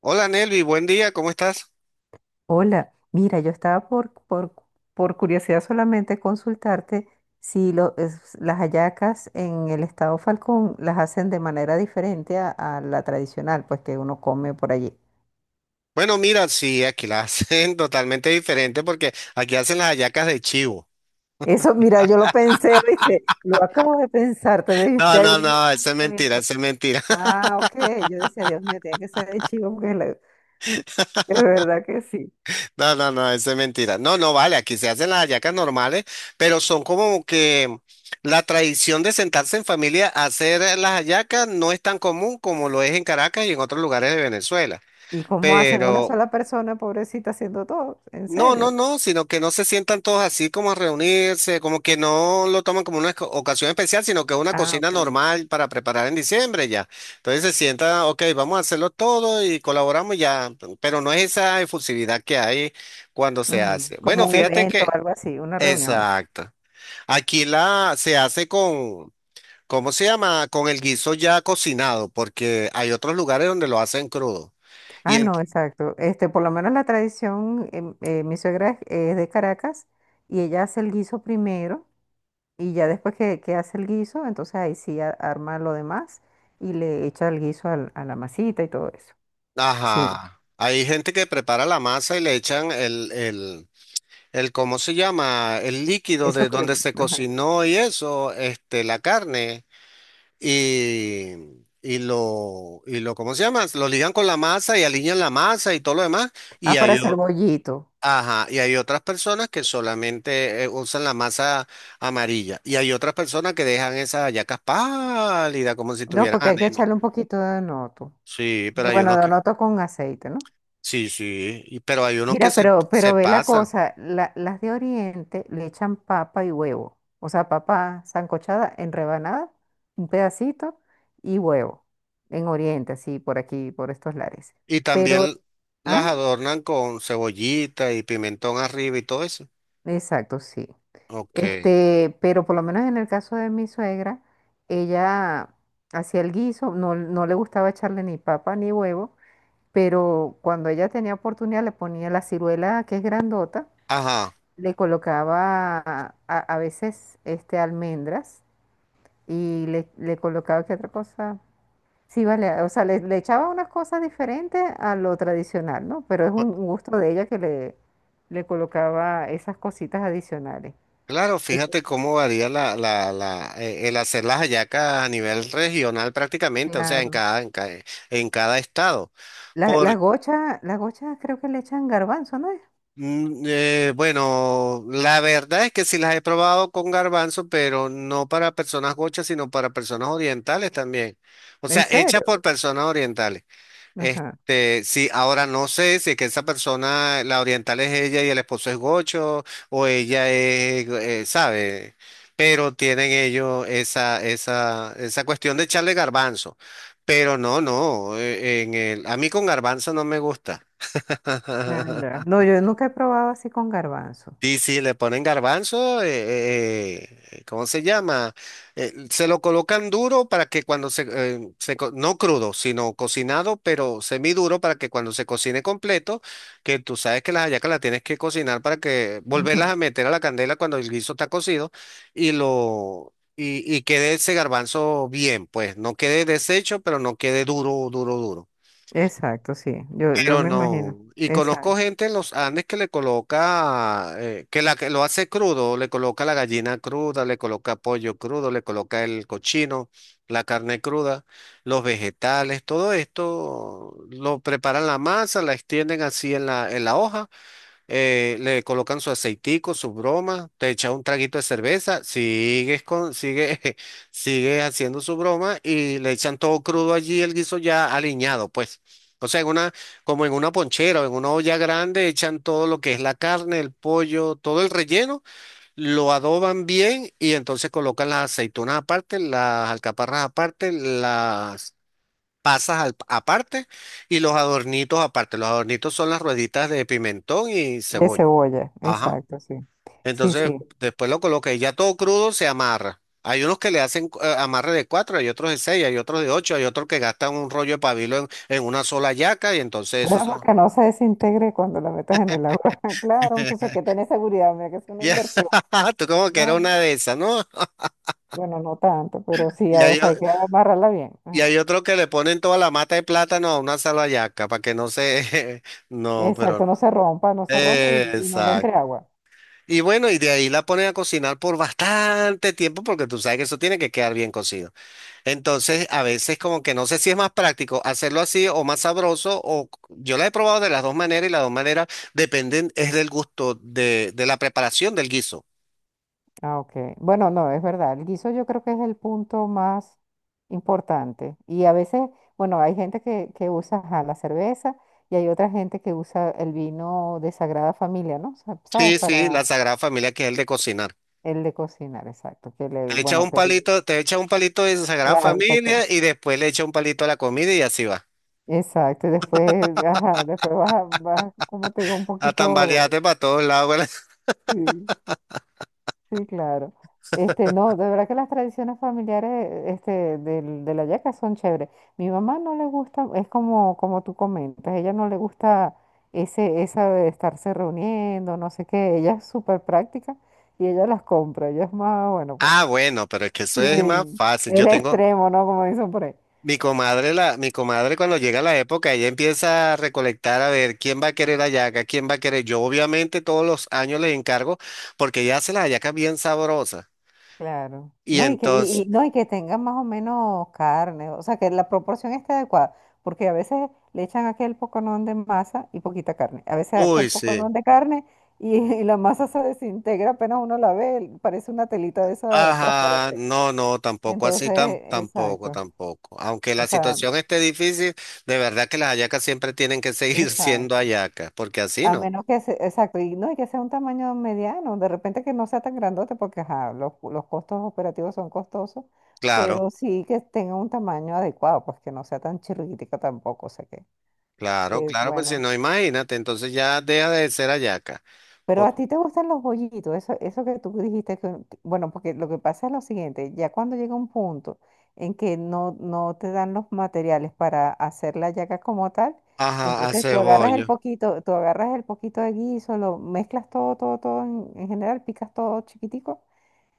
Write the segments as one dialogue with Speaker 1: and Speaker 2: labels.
Speaker 1: Hola Nelvi, buen día, ¿cómo estás?
Speaker 2: Hola, mira, yo estaba por curiosidad solamente consultarte si las hallacas en el estado Falcón las hacen de manera diferente a la tradicional, pues que uno come por allí.
Speaker 1: Bueno, mira, sí, aquí la hacen totalmente diferente porque aquí hacen las hallacas de chivo.
Speaker 2: Eso, mira, yo lo pensé, ¿viste? Lo acabo de pensar,
Speaker 1: No,
Speaker 2: te
Speaker 1: no,
Speaker 2: adiviné
Speaker 1: no,
Speaker 2: el
Speaker 1: eso es mentira,
Speaker 2: pensamiento.
Speaker 1: eso es mentira.
Speaker 2: Ah, ok, yo decía, Dios mío, tiene que ser de chivo, porque es verdad que sí.
Speaker 1: No, no, no, eso es mentira. No, no, vale, aquí se hacen las hallacas normales, pero son como que la tradición de sentarse en familia a hacer las hallacas no es tan común como lo es en Caracas y en otros lugares de Venezuela.
Speaker 2: ¿Y cómo hacen una
Speaker 1: Pero,
Speaker 2: sola persona, pobrecita, haciendo todo? ¿En
Speaker 1: No, no,
Speaker 2: serio?
Speaker 1: no, sino que no se sientan todos así como a reunirse, como que no lo toman como una ocasión especial, sino que es una
Speaker 2: Ah,
Speaker 1: cocina
Speaker 2: ok.
Speaker 1: normal para preparar en diciembre ya. Entonces se sienta, ok, vamos a hacerlo todo y colaboramos ya, pero no es esa efusividad que hay cuando se
Speaker 2: Ujú,
Speaker 1: hace. Bueno,
Speaker 2: como un
Speaker 1: fíjate
Speaker 2: evento,
Speaker 1: que,
Speaker 2: algo así, una reunión.
Speaker 1: exacto. Aquí la se hace con, ¿cómo se llama? Con el guiso ya cocinado, porque hay otros lugares donde lo hacen crudo.
Speaker 2: Ah,
Speaker 1: y
Speaker 2: no, exacto. Este, por lo menos la tradición, mi es de Caracas y ella hace el guiso primero y ya después que hace el guiso, entonces ahí sí arma lo demás y le echa el guiso a la masita y todo eso. Sí,
Speaker 1: Ajá. Hay gente que prepara la masa y le echan el, ¿cómo se llama? El líquido
Speaker 2: eso
Speaker 1: de donde
Speaker 2: crudo,
Speaker 1: se
Speaker 2: ajá.
Speaker 1: cocinó y eso, este, la carne y, y lo, ¿cómo se llama? Lo ligan con la masa y alinean la masa y todo lo demás.
Speaker 2: Ah,
Speaker 1: Y
Speaker 2: para
Speaker 1: hay, o-
Speaker 2: hacer bollito.
Speaker 1: ajá, y hay otras personas que solamente usan la masa amarilla. Y hay otras personas que dejan esas hallacas pálidas como si
Speaker 2: No,
Speaker 1: tuvieran
Speaker 2: porque hay que
Speaker 1: anemia.
Speaker 2: echarle un poquito de noto.
Speaker 1: Sí, pero
Speaker 2: Y
Speaker 1: hay
Speaker 2: bueno,
Speaker 1: unos
Speaker 2: de
Speaker 1: que.
Speaker 2: noto con aceite, ¿no?
Speaker 1: Sí, sí, pero hay unos que
Speaker 2: Mira,
Speaker 1: se,
Speaker 2: pero,
Speaker 1: se
Speaker 2: pero ve la
Speaker 1: pasan
Speaker 2: cosa, las de Oriente le echan papa y huevo, o sea, papa sancochada en rebanada, un pedacito y huevo, en Oriente, así por aquí, por estos lares.
Speaker 1: y
Speaker 2: Pero,
Speaker 1: también las
Speaker 2: ah,
Speaker 1: adornan con cebollita y pimentón arriba y todo eso.
Speaker 2: exacto, sí.
Speaker 1: Ok,
Speaker 2: Este, pero por lo menos en el caso de mi suegra, ella hacía el guiso, no, no le gustaba echarle ni papa ni huevo, pero cuando ella tenía oportunidad le ponía la ciruela que es grandota,
Speaker 1: ajá.
Speaker 2: le colocaba a veces este almendras y le colocaba qué otra cosa. Sí, vale, o sea, le echaba unas cosas diferentes a lo tradicional, ¿no? Pero es un gusto de ella que le colocaba esas cositas adicionales.
Speaker 1: Claro,
Speaker 2: Sí,
Speaker 1: fíjate cómo varía el hacer las hallacas a nivel regional prácticamente, o sea, en
Speaker 2: claro.
Speaker 1: cada, en cada, en cada estado. Por,
Speaker 2: Las gochas creo que le echan garbanzo, ¿no es?
Speaker 1: bueno, la verdad es que sí las he probado con garbanzo, pero no para personas gochas, sino para personas orientales también. O
Speaker 2: ¿En
Speaker 1: sea, hechas
Speaker 2: serio?
Speaker 1: por personas orientales.
Speaker 2: Ajá.
Speaker 1: Este, sí, ahora no sé si es que esa persona, la oriental es ella y el esposo es gocho, o ella es, sabe, pero tienen ellos esa cuestión de echarle garbanzo. Pero no, no, a mí con garbanzo no me gusta.
Speaker 2: Ah, ya. No, yo nunca he probado así con garbanzo.
Speaker 1: Sí, sí, le ponen garbanzo, ¿cómo se llama? Se lo colocan duro para que cuando se, se co- no crudo, sino cocinado, pero semiduro para que cuando se cocine completo, que tú sabes que las hallacas las tienes que cocinar para que volverlas
Speaker 2: Ujú.
Speaker 1: a meter a la candela cuando el guiso está cocido y lo y quede ese garbanzo bien, pues no quede deshecho, pero no quede duro, duro, duro.
Speaker 2: Exacto, sí. Yo
Speaker 1: Pero
Speaker 2: me
Speaker 1: no,
Speaker 2: imagino.
Speaker 1: y conozco
Speaker 2: Exacto.
Speaker 1: gente en los Andes que le coloca, que lo hace crudo, le coloca la gallina cruda, le coloca pollo crudo, le coloca el cochino, la carne cruda, los vegetales, todo esto lo preparan la masa, la extienden así en la hoja le colocan su aceitico, su broma, te echa un traguito de cerveza, sigue haciendo su broma y le echan todo crudo allí, el guiso ya aliñado, pues. O sea, como en una ponchera o en una olla grande, echan todo lo que es la carne, el pollo, todo el relleno, lo adoban bien y entonces colocan las aceitunas aparte, las alcaparras aparte, las pasas aparte y los adornitos aparte. Los adornitos son las rueditas de pimentón y
Speaker 2: De
Speaker 1: cebolla.
Speaker 2: cebolla,
Speaker 1: Ajá.
Speaker 2: exacto, sí. Sí,
Speaker 1: Entonces,
Speaker 2: sí.
Speaker 1: después lo coloca y ya todo crudo se amarra. Hay unos que le hacen amarre de cuatro, hay otros de seis, hay otros de ocho, hay otros que gastan un rollo de pabilo en una sola yaca y entonces eso
Speaker 2: Bueno,
Speaker 1: son.
Speaker 2: porque no se desintegre cuando la metas en el agua. Claro, muchacha, que tenés seguridad, mira que es una
Speaker 1: Ya,
Speaker 2: inversión.
Speaker 1: tú como que era
Speaker 2: Claro.
Speaker 1: una de esas, ¿no?
Speaker 2: Bueno, no tanto, pero sí,
Speaker 1: Y
Speaker 2: o
Speaker 1: hay,
Speaker 2: sea,
Speaker 1: o-
Speaker 2: hay que amarrarla bien.
Speaker 1: y
Speaker 2: Ajá.
Speaker 1: hay otros que le ponen toda la mata de plátano a una sola yaca para que no se. No, pero
Speaker 2: Exacto,
Speaker 1: no.
Speaker 2: no se rompa, no se rompa y no le
Speaker 1: Exacto.
Speaker 2: entre agua.
Speaker 1: Y bueno, y de ahí la ponen a cocinar por bastante tiempo porque tú sabes que eso tiene que quedar bien cocido. Entonces, a veces como que no sé si es más práctico hacerlo así o más sabroso, o yo la he probado de las dos maneras y las dos maneras dependen, es del gusto de la preparación del guiso.
Speaker 2: Ah, ok. Bueno, no, es verdad. El guiso yo creo que es el punto más importante. Y a veces, bueno, hay gente que usa ajá, la cerveza y hay otra gente que usa el vino de Sagrada Familia, ¿no? ¿Sabes?
Speaker 1: Sí, sí, la
Speaker 2: Para
Speaker 1: Sagrada Familia que es el de cocinar.
Speaker 2: el de cocinar, exacto. Que le,
Speaker 1: Te echa
Speaker 2: bueno,
Speaker 1: un
Speaker 2: que
Speaker 1: palito, te echa un palito de Sagrada
Speaker 2: claro, chacho.
Speaker 1: Familia y después le echa un palito a la comida y así va.
Speaker 2: Exacto. Y después, ajá, después vas, como te digo, un
Speaker 1: A
Speaker 2: poquito.
Speaker 1: tambalearte para todos lados.
Speaker 2: Sí, sí, claro. Este, no, de verdad que las tradiciones familiares, este, de la yaca son chéveres. Mi mamá no le gusta, es como, como tú comentas, ella no le gusta esa de estarse reuniendo, no sé qué. Ella es súper práctica y ella las compra. Ella es más, bueno, pues.
Speaker 1: Ah, bueno, pero es que eso es más
Speaker 2: Sí.
Speaker 1: fácil.
Speaker 2: El extremo, ¿no? Como dicen por ahí.
Speaker 1: Mi comadre cuando llega la época, ella empieza a recolectar a ver quién va a querer hallaca, quién va a querer. Yo obviamente todos los años le encargo porque ella hace las hallacas bien sabrosas.
Speaker 2: Claro.
Speaker 1: Y
Speaker 2: No, y
Speaker 1: entonces,
Speaker 2: no, y que tengan más o menos carne, o sea, que la proporción esté adecuada, porque a veces le echan aquel poconón de masa y poquita carne, a veces aquel
Speaker 1: uy, sí.
Speaker 2: poconón de carne y la masa se desintegra apenas uno la ve, parece una telita de esa
Speaker 1: Ajá,
Speaker 2: transparente.
Speaker 1: no, no, tampoco así,
Speaker 2: Entonces,
Speaker 1: tampoco,
Speaker 2: exacto,
Speaker 1: tampoco. Aunque la
Speaker 2: o sea,
Speaker 1: situación esté difícil, de verdad que las hallacas siempre tienen que seguir siendo
Speaker 2: exacto.
Speaker 1: hallacas, porque así
Speaker 2: A
Speaker 1: no.
Speaker 2: menos que se, exacto, y no, y que sea un tamaño mediano, de repente que no sea tan grandote, porque ajá, los costos operativos son costosos,
Speaker 1: Claro,
Speaker 2: pero sí que tenga un tamaño adecuado, pues que no sea tan chirriquitica tampoco, o sea
Speaker 1: claro,
Speaker 2: que
Speaker 1: claro, pues si
Speaker 2: bueno.
Speaker 1: no, imagínate, entonces ya deja de ser hallaca.
Speaker 2: Pero a
Speaker 1: Por-
Speaker 2: ti te gustan los bollitos, eso que tú dijiste bueno, porque lo que pasa es lo siguiente, ya cuando llega un punto en que no, no te dan los materiales para hacer la yaca como tal,
Speaker 1: Ajá,
Speaker 2: entonces
Speaker 1: hace
Speaker 2: tú agarras el
Speaker 1: bollo.
Speaker 2: poquito, tú agarras el poquito de guiso, lo mezclas todo, todo, todo en general, picas todo chiquitico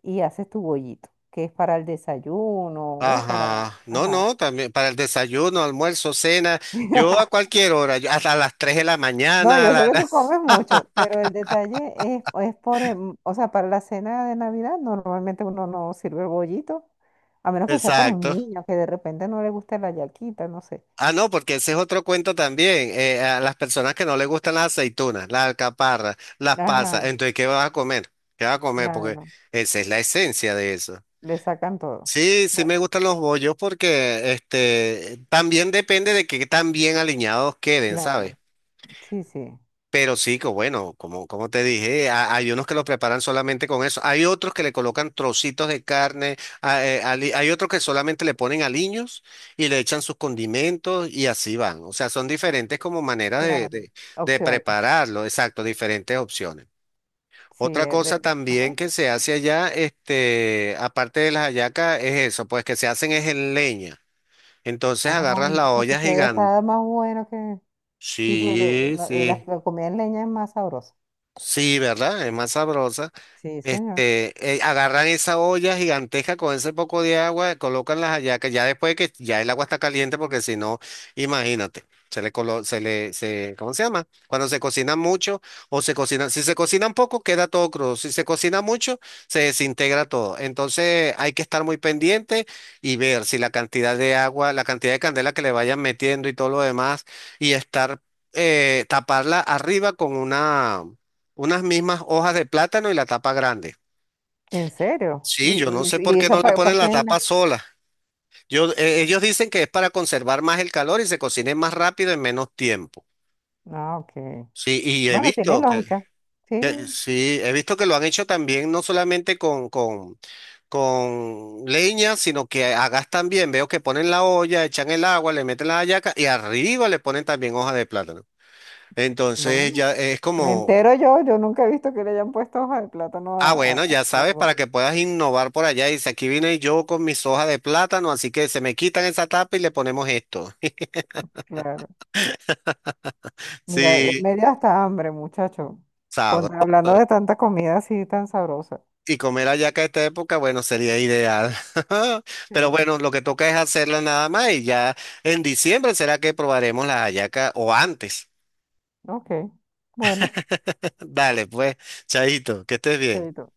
Speaker 2: y haces tu bollito, que es para el desayuno, ¿ves? Para,
Speaker 1: Ajá, no,
Speaker 2: ajá.
Speaker 1: no, también para el desayuno, almuerzo, cena, yo a cualquier hora, yo hasta las 3 de la
Speaker 2: No,
Speaker 1: mañana,
Speaker 2: yo sé que tú comes mucho, pero el detalle es por, o sea, para la cena de Navidad normalmente uno no sirve el bollito, a menos que sea para un
Speaker 1: exacto.
Speaker 2: niño que de repente no le guste la yaquita, no sé.
Speaker 1: Ah, no, porque ese es otro cuento también, a las personas que no les gustan las aceitunas, las alcaparras, las
Speaker 2: Ajá,
Speaker 1: pasas, entonces, ¿qué vas a comer? ¿Qué vas a comer? Porque
Speaker 2: claro,
Speaker 1: esa es la esencia de eso.
Speaker 2: le sacan todo.
Speaker 1: Sí, sí
Speaker 2: Bueno,
Speaker 1: me gustan los bollos porque este, también depende de que tan bien alineados queden,
Speaker 2: claro,
Speaker 1: ¿sabes?
Speaker 2: sí, sí,
Speaker 1: Pero sí, que bueno, como, como te dije, hay unos que lo preparan solamente con eso. Hay otros que le colocan trocitos de carne, hay otros que solamente le ponen aliños y le echan sus condimentos y así van. O sea, son diferentes como maneras de,
Speaker 2: claro.
Speaker 1: de, de
Speaker 2: Opciones,
Speaker 1: prepararlo, exacto, diferentes opciones.
Speaker 2: sí,
Speaker 1: Otra
Speaker 2: es
Speaker 1: cosa
Speaker 2: de, ajá.
Speaker 1: también que se hace allá, este, aparte de las hallacas, es eso, pues que se hacen es en leña. Entonces agarras
Speaker 2: Ay,
Speaker 1: la
Speaker 2: muchacho,
Speaker 1: olla
Speaker 2: se debe
Speaker 1: gigante.
Speaker 2: estar más bueno que, sí, porque
Speaker 1: Sí,
Speaker 2: la,
Speaker 1: sí.
Speaker 2: la comida en leña es más sabrosa.
Speaker 1: Sí, ¿verdad? Es más sabrosa.
Speaker 2: Sí, señor.
Speaker 1: Este, agarran esa olla gigantesca con ese poco de agua, colocan las hallacas, ya después de que ya el agua está caliente, porque si no, imagínate, se le colo, se le, se, ¿cómo se llama? Cuando se cocina mucho o se cocina, si se cocina poco, queda todo crudo, si se cocina mucho, se desintegra todo. Entonces hay que estar muy pendiente y ver si la cantidad de agua, la cantidad de candela que le vayan metiendo y todo lo demás, y estar, taparla arriba con unas mismas hojas de plátano y la tapa grande.
Speaker 2: ¿En serio?
Speaker 1: Sí, yo no sé por
Speaker 2: Y
Speaker 1: qué
Speaker 2: esa
Speaker 1: no le
Speaker 2: para
Speaker 1: ponen la
Speaker 2: qué?
Speaker 1: tapa sola. Yo, ellos dicen que es para conservar más el calor y se cocine más rápido en menos tiempo.
Speaker 2: Ah, ok.
Speaker 1: Sí, y he
Speaker 2: Bueno, tiene
Speaker 1: visto que,
Speaker 2: lógica. Sí,
Speaker 1: sí, he visto que lo han hecho también, no solamente con leña, sino que hagas también. Veo que ponen la olla, echan el agua, le meten la hallaca y arriba le ponen también hoja de plátano. Entonces
Speaker 2: bueno.
Speaker 1: ya es
Speaker 2: Me
Speaker 1: como,
Speaker 2: entero yo, nunca he visto que le hayan puesto hoja de plátano
Speaker 1: ah, bueno, ya
Speaker 2: a
Speaker 1: sabes,
Speaker 2: algo.
Speaker 1: para que puedas innovar por allá. Dice, aquí vine yo con mis hojas de plátano, así que se me quitan esa tapa y le ponemos esto.
Speaker 2: Claro. Mira,
Speaker 1: Sí,
Speaker 2: me dio hasta hambre, muchacho.
Speaker 1: sabroso.
Speaker 2: Hablando de tanta comida así tan sabrosa.
Speaker 1: Y comer hallaca a esta época, bueno, sería ideal. Pero
Speaker 2: Sí.
Speaker 1: bueno, lo que toca es hacerla nada más y ya en diciembre será que probaremos la hallaca o antes.
Speaker 2: Ok. Bueno,
Speaker 1: Dale, pues, chaito, que estés bien.
Speaker 2: chaito.